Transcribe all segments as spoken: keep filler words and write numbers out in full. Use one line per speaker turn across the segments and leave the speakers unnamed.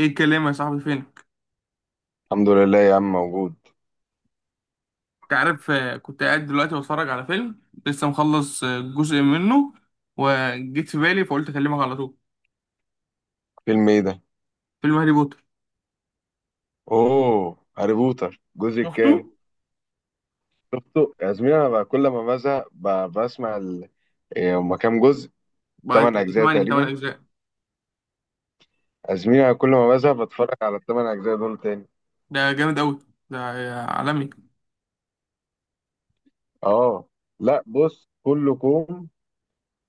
ايه الكلام يا صاحبي، فينك؟
الحمد لله يا عم موجود.
انت عارف، آه، كنت قاعد دلوقتي بتفرج على فيلم لسه مخلص آه، جزء منه. وجيت في بالي فقلت اكلمك على طول.
فيلم ايه ده؟
فيلم هاري بوتر.
اوه، هاري بوتر الجزء
شفته.
الكام؟ شفته يا زميلي. انا بقى كل ما بزهق ب- بسمع ال... إيه هما كام جزء؟
بعد.
تمن اجزاء
تمانية تمانية
تقريبا.
اجزاء.
يا زميلي انا كل ما بزهق بتفرج على التمن اجزاء دول تاني.
ده جامد قوي. ده آه، عالمي.
اه لا بص، كله كوم.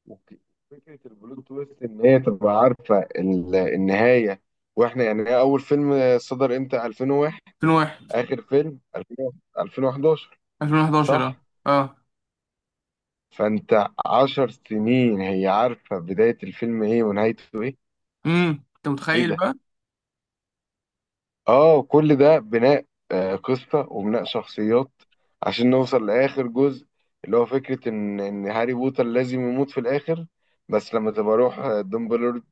وك- فكره البلوت تويست ان هي تبقى عارفه ال... النهايه، واحنا يعني. هي اول فيلم صدر امتى؟ الفين وواحد.
ألفين وواحد.
اخر فيلم الفين، الفين وحداشر.
ألفين وحداشر. اه.
صح.
اه.
فانت عشر سنين هي عارفة بداية الفيلم ايه ونهايته ايه.
امم انت
ايه
متخيل
ده؟
بقى؟
اه كل ده بناء، آه، قصة وبناء شخصيات عشان نوصل لآخر جزء، اللي هو فكرة ان ان هاري بوتر لازم يموت في الآخر. بس لما تبقى روح آه، دومبلورد،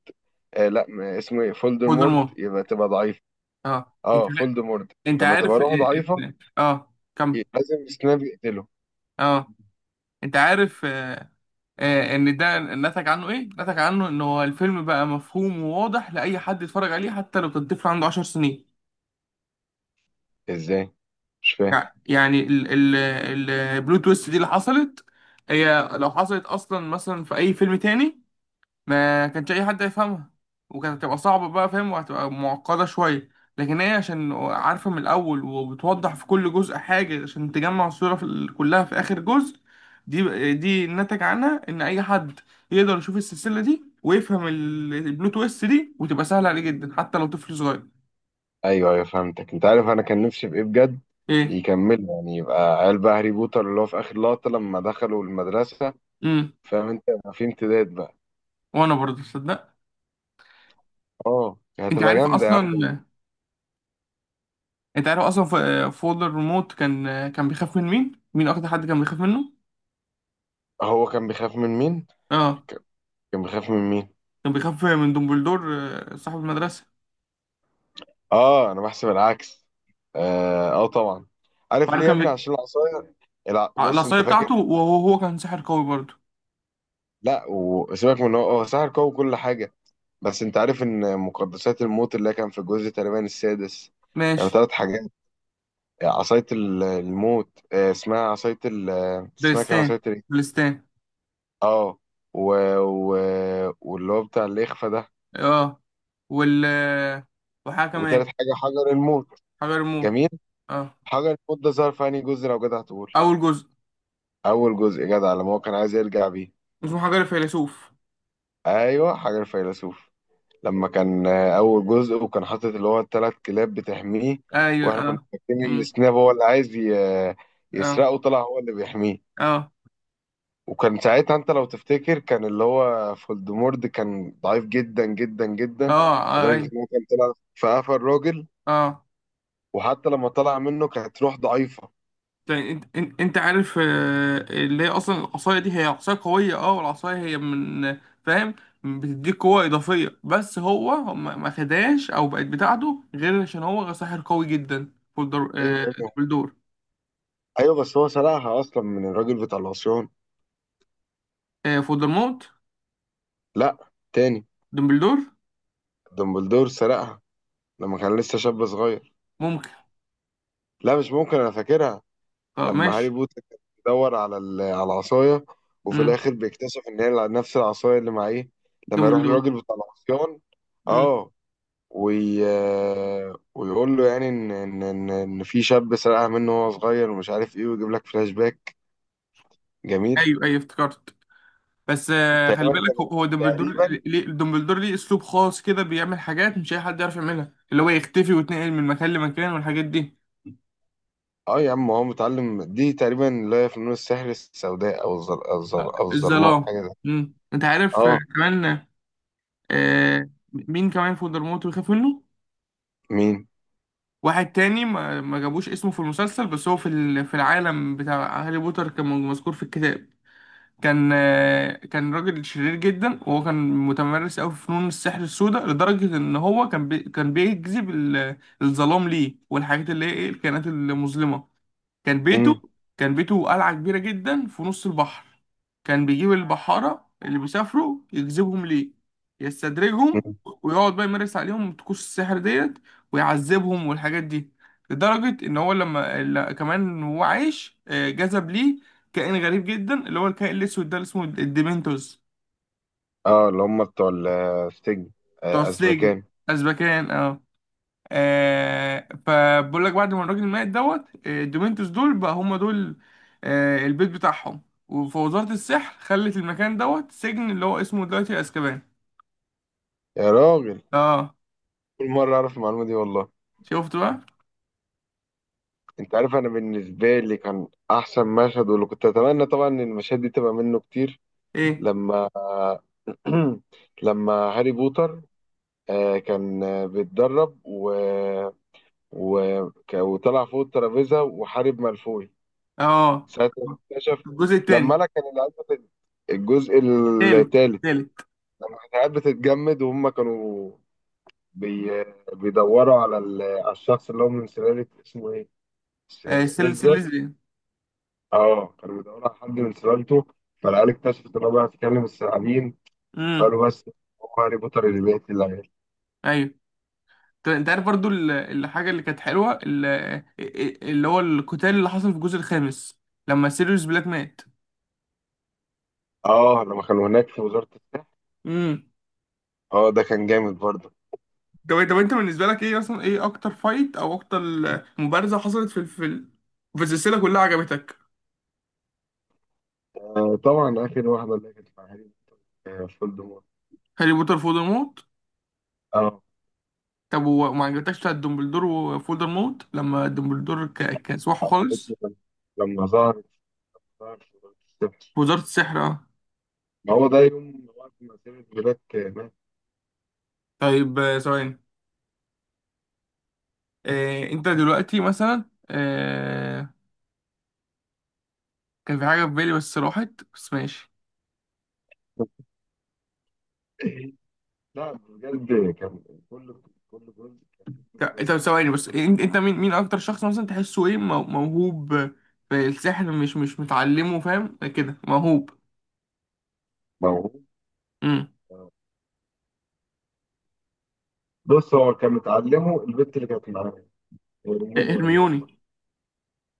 آه لا م- اسمه ايه، فولدمورت،
فولدمورت.
يبقى تبقى ضعيفة.
اه. انت.
اه فولدمورت
انت
لما تبقى
عارف. اه.
روح ضعيفة،
آه، اه. كمل.
ي- لازم سناب يقتله.
اه. انت عارف، آه، آه، ان ده نتج عنه ايه نتج عنه ان هو الفيلم بقى مفهوم وواضح لاي حد يتفرج عليه حتى لو كان طفل عنده 10 سنين.
ازاي؟ مش فاهم.
يع- يعني ال ال البلو تويست دي اللي حصلت، هي لو حصلت اصلا مثلا في اي فيلم تاني، ما كانش اي حد يفهمها. وكانت هتبقى صعبة بقى فاهم، وهتبقى معقدة شوية. لكن هي عشان عارفة من الاول، وبتوضح في كل جزء حاجة عشان تجمع الصورة في ال- كلها في اخر جزء. دي دي نتج عنها ان اي حد يقدر يشوف السلسلة دي، ويفهم ال- البلوت تويست دي، وتبقى سهلة عليه جدا حتى لو طفل صغير.
ايوه ايوه فهمتك. انت عارف انا كان نفسي في ايه بجد؟
ايه.
يكملوا، يعني يبقى عيال بقى هاري بوتر اللي هو في اخر لقطه لما دخلوا المدرسه.
امم
فاهم انت، يبقى في امتداد بقى.
وانا برضه تصدق.
اه
انت
هتبقى
عارف
جامده يا عم.
اصلا انت عارف اصلا، ف- فولدر ريموت كان كان بيخاف من مين؟ مين اكتر حد كان بيخاف منه.
هو كان بيخاف من مين؟
اه.
ك- كان بيخاف من مين؟
كان بيخاف من دومبلدور، آه، صاحب المدرسة.
اه انا بحسب العكس. اه، آه طبعا. عارف
وبعدين
ليه يا
كان
ابني؟
بي...
عشان العصايه. الع... بص
العصاية
انت فاكر؟
بتاعته، وهو هو كان ساحر قوي برضه.
لا وسيبك من إن هو هو سحر قوي وكل حاجه. بس انت عارف ان مقدسات الموت اللي كان في الجزء تقريبا السادس كانوا
ماشي.
ثلاث حاجات: عصاية ال- الموت، آه، اسمها عصاية ال آه، اسمها كان
درستان.
عصاية ايه؟
درستان.
اه، و... و... واللي هو بتاع الإخفاء ده،
اه. وال آه، وحاجة كمان.
وتالت حاجة حجر الموت.
حجر الموت.
جميل.
اه.
حجر الموت ده ظهر في أنهي جزء لو جدع تقول؟
أول جزء.
أول جزء يا جدع، لما هو كان عايز يرجع بيه.
اسمه حجر الفيلسوف.
أيوه حجر الفيلسوف. لما كان آه، أول جزء وكان حاطط اللي هو التلات كلاب بتحميه،
أيوه.
وإحنا كنا
اه.
فاكرين إن
أمم.
سناب هو اللي عايز ي...
اه.
يسرقه، طلع هو اللي بيحميه.
اه.
وكان ساعتها انت لو تفتكر كان اللي هو فولدمورد كان ضعيف جدا جدا
اه.
جدا،
آه،
لدرجة
أيوه.
ان هو كان طلع في قفا الراجل،
اه.
وحتى لما طلع منه كانت روح ضعيفة.
يعني انت انت انت عارف، آه، اللي هي اصلا العصايه دي هي عصايه قويه. اه. والعصايه هي من فاهم بتديك قوه اضافيه. بس هو ما ما خدهاش، او بقت بتاعته غير عشان هو ساحر قوي جدا. فولدر
ايوه
آه
ايوه
دمبلدور.
ايوه. بس هو سرقها اصلا من الراجل بتاع العصيان.
آه فولدرموت.
لا تاني،
دمبلدور.
دمبلدور سرقها لما كان لسه شاب صغير.
ممكن.
لا مش ممكن، انا فاكرها.
اه.
لما هاري
ماشي.
بوتر كان بيدور على ال- على العصاية، وفي
امم.
الاخر بيكتشف ان هي نفس العصاية اللي معاه لما يروح
دمبلدور.
للراجل بتاع العصيان.
امم.
اه، وي... ويقول له يعني ان ان ان ان في شاب سرقها منه وهو صغير ومش عارف ايه، ويجيب لك فلاش باك. جميل.
ايوه، ايوه، افتكرت. بس آه، خلي
تقريبا
بالك، هو
كانت
هو دمبلدور
تقريبا
ليه. دمبلدور ليه اسلوب خاص كده؟ بيعمل حاجات مش اي حد يعرف يعملها، اللي هو يختفي ويتنقل من مكان لمكان، والحاجات دي.
اه يا عم هو متعلم دي تقريبا اللي هي فنون السحر السوداء، او الظل... او الظل... او الظلماء،
الظلام.
حاجه زي.
مم. انت عارف آه،
اه.
كمان. آه مين كمان فولدرمورت بيخاف منه؟
مين؟
واحد تاني ما, ما جابوش اسمه في المسلسل. بس هو في ال- في العالم بتاع هاري بوتر كان مذكور في الكتاب. كان آه كان راجل شرير جدا. وهو كان متمرس قوي في فنون السحر السوداء، لدرجة ان هو كان بي كان بيجذب ال- الظلام ليه، والحاجات اللي هي ايه الكائنات المظلمة. كان بيته
مم.
كان بيته قلعة كبيرة جدا في نص البحر. كان بيجيب البحارة اللي بيسافروا، يجذبهم ليه، يستدرجهم،
مم.
ويقعد بقى يمارس عليهم طقوس السحر ديت، ويعذبهم والحاجات دي. لدرجة إن هو لما لا- كمان وهو عايش، آه، جذب ليه كائن غريب جدا، اللي هو الكائن الأسود ده، اللي اسمه الديمنتوس.
اه اللي هم بتوع ال- السجن،
بتوع
آه،
السجن.
ازبكان.
أزبكان. اه. آه فبقول لك بعد ما الراجل مات دوت، آه، الدومينتوس دول بقى هم دول. آه البيت بتاعهم. وفوزارة السحر خلت المكان دوت سجن اللي هو اسمه دلوقتي اسكابان.
يا راجل،
اه.
كل مره اعرف المعلومه دي والله.
شفت بقى.
انت عارف انا بالنسبه لي كان احسن مشهد، واللي كنت اتمنى طبعا ان المشاهد دي تبقى منه كتير،
ايه.
لما لما هاري بوتر آه، كان آه، بيتدرب و... و... ك- وطلع فوق الترابيزة وحارب مالفوي.
اه.
ساعة ما اكتشف،
الجزء
لما
التاني.
أنا كان العيال بتت- الجزء
تالت.
التالت،
تالت.
لما كانت العيال بتتجمد، وهم كانوا بي... بيدوروا على ال... على الشخص اللي هو من سلالة اسمه إيه؟ س-
آه سل
سليزر.
سل سل
اه كانوا بيدوروا على حد من سلالته، فالعيال اكتشفت إن هو بيعرف يتكلم الثعابين،
امم.
فقالوا بس هو هاري بوتر اللي بيقتل العيال.
ايوه. طب انت عارف برضو ال- الحاجه اللي كانت حلوه، ال- اللي هو القتال اللي حصل في الجزء الخامس، لما سيريوس بلاك مات.
اه لما كانوا هناك في وزارة الصحة.
امم.
اه ده كان جامد برضه.
طب طب انت بالنسبه لك ايه، مثلا ايه اكتر فايت، او اكتر مبارزه حصلت في الفيلم، في السلسله كلها عجبتك؟
آه طبعا، آخر واحدة، اللي كانت في عهد آه فولدمورت.
هاري بوتر فولدرمورت.
اه.
طب وما عجبتكش بتاعت دومبلدور وفولدرمورت، لما دومبلدور ك- كسوحه خالص
اسمه كان- لما ظهرت، ظهرت في وزارة الصحة.
في وزاره السحر؟ اه.
ما هو ده يوم وقت ما سيبت بلاك آه، مات.
طيب، آه، ثواني. آه، انت دلوقتي مثلا، آه، كان في حاجه في بالي بس راحت. بس ماشي.
لا بجد كان، كل كل جزء كان فيه
ط-
جزء.
طب ثواني بس، انت انت مين؟ مين اكتر شخص مثلا تحسه ايه مو- موهوب في السحر، مش مش متعلمه، فاهم كده؟ موهوب.
موهوب؟
امم.
آه، بص هو كان متعلمه البنت اللي كانت معاه، رومانيا ولا مش
هرميوني.
عارف.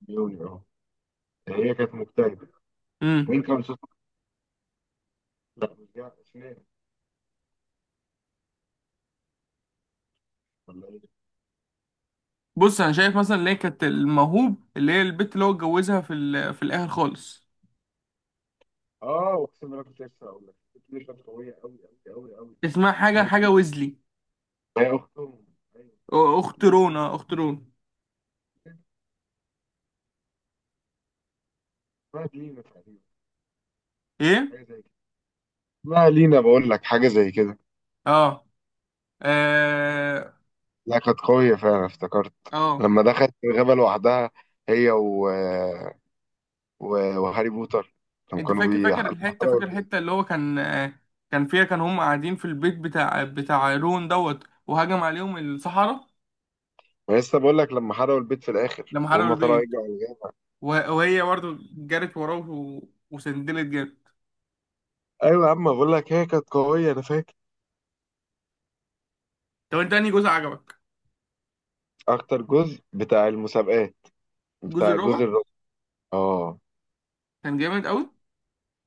بيوني، اه. هي كانت مجتهدة.
امم.
مين كان صوتها؟ لا مش جاي اسمها، ولا ايه؟
بص انا شايف مثلا اللي هي كانت الموهوب، اللي هي البت اللي هو اتجوزها في ال... في الاخر خالص.
اه اقسم بالله كنت لسه هقول لك، بتني كانت قويه قوي قوي قوي قوي.
اسمها حاجه حاجه
بتني
ويزلي.
هي اختهم. ايوه.
أو- اخت
لينا،
رونا، اخت رونا.
اسمها لينا تقريبا،
ايه.
حاجه زي كده. اسمها لينا بقول لك، حاجه زي كده.
اه. اه.
لا كانت قويه فعلا، افتكرت
اه.
لما دخلت الغابه لوحدها، هي و... و... وهاري بوتر، لما
انت
كانوا
فاكر
بي
فاكر
لما
الحته
حرقوا
فاكر
البيت.
الحته اللي هو كان، آه، كان فيها كان هم قاعدين في البيت بتاع بتاع رون دوت، وهجم عليهم الصحراء.
ما لسه بقول لك، لما حرقوا البيت في الاخر
لما حرقوا
وهم طلعوا
البيت،
يرجعوا الغابه.
وه- وهي برضه جرت وراه، و... وسندلت جامد.
ايوه يا عم بقول لك هي كانت قويه انا فاكر.
طب انت انهي جزء عجبك؟
اكتر جزء بتاع المسابقات،
الجزء
بتاع
الرابع.
جزء الرابع. اه
كان جامد قوي.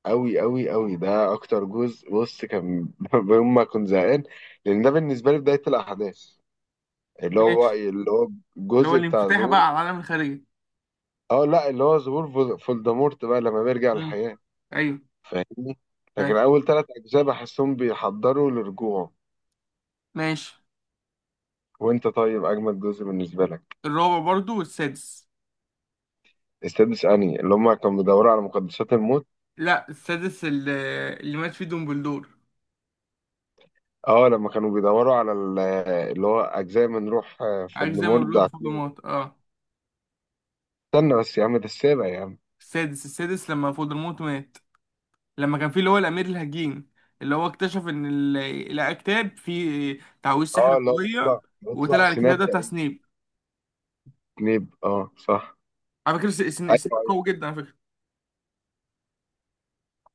أوي أوي أوي ده أكتر جزء. بص كان يوم ما كنت زهقان، لأن ده بالنسبة لي بداية الأحداث، اللي هو
ماشي.
اللي هو
اللي هو
الجزء بتاع
الانفتاح
ظهور.
بقى على العالم الخارجي.
أه لا، اللي هو ظهور فول- فولدمورت بقى لما بيرجع
مم.
الحياة.
ايوه.
فاهمني؟
فاهم.
لكن أول تلات أجزاء بحسهم بيحضروا لرجوعه.
ماشي.
وأنت طيب أجمد جزء بالنسبة لك؟
الرابع برضو والسادس.
السادس أنهي، اللي هما كانوا بيدوروا على مقدسات الموت؟
لا، السادس اللي, اللي مات فيه دومبلدور.
أه لما كانوا بيدوروا على ال- اللي هو أجزاء من روح آه،
عارف زي ما
فولدمورت
بيقولوا
ده.
فولدمورت. اه.
استنى بس يا عم، ده السابع يا عم.
السادس السادس لما فولدمورت مات، لما كان فيه اللي هو الامير الهجين، اللي هو اكتشف ان ال- الكتاب فيه تعويذ سحر
اه اللي هو
قوية.
بيطلع، بيطلع
وطلع الكتاب
سناب
ده بتاع
تقريبا.
سنيب.
سنيب، اه صح.
على فكرة، س- سن-
ايوه
سنيب
ايوه.
قوي جدا على فكرة.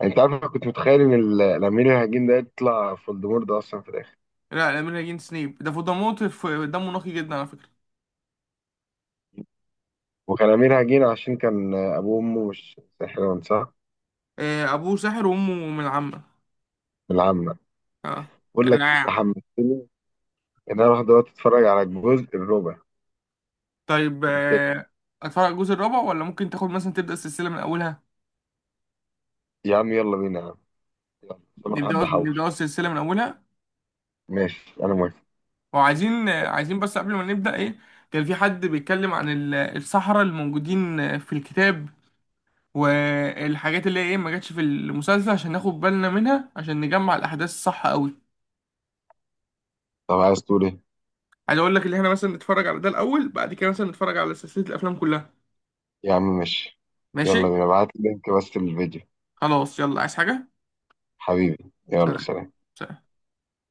انت عارف انا كنت متخيل ان ال- الامير الهجين ده يطلع فولدمورت ده اصلا في الاخر.
لا، الامير الهجين سنيب ده فولدمورت. ف- دمه نقي جدا على فكرة.
وكان امير هجين عشان كان ابوه وامه مش ساحران، صح؟
آه، ابوه ساحر وامه من العمة.
من العامه.
اه.
بقول لك انت
رائع.
حمستني ان انا اروح دلوقتي اتفرج على الجزء الرابع
طيب،
من تاني.
آه، اتفرج على الجزء الرابع، ولا ممكن تاخد مثلا تبدا السلسله من اولها؟
يا عم يلا بينا يا عم، يلا عشان أنا
نبدا
حد حوش.
نبدا السلسله من اولها.
ماشي انا موافق.
وعايزين آه، عايزين بس قبل ما نبدا ايه. كان في حد بيتكلم عن ال- السحرة الموجودين آه، في الكتاب، والحاجات اللي هي ايه، ما جاتش في المسلسل، عشان ناخد بالنا منها عشان نجمع الاحداث الصح قوي.
طب عايز تقول ايه؟
عايز اقول لك اللي احنا مثلا نتفرج على ده الاول، بعد كده مثلا نتفرج على سلسله الافلام كلها.
يا عم ماشي.
ماشي.
يلا بينا، ابعت لي لينك بس للفيديو.
خلاص يلا، عايز حاجه؟
حبيبي يلا،
سلام.
سلام.
سلام.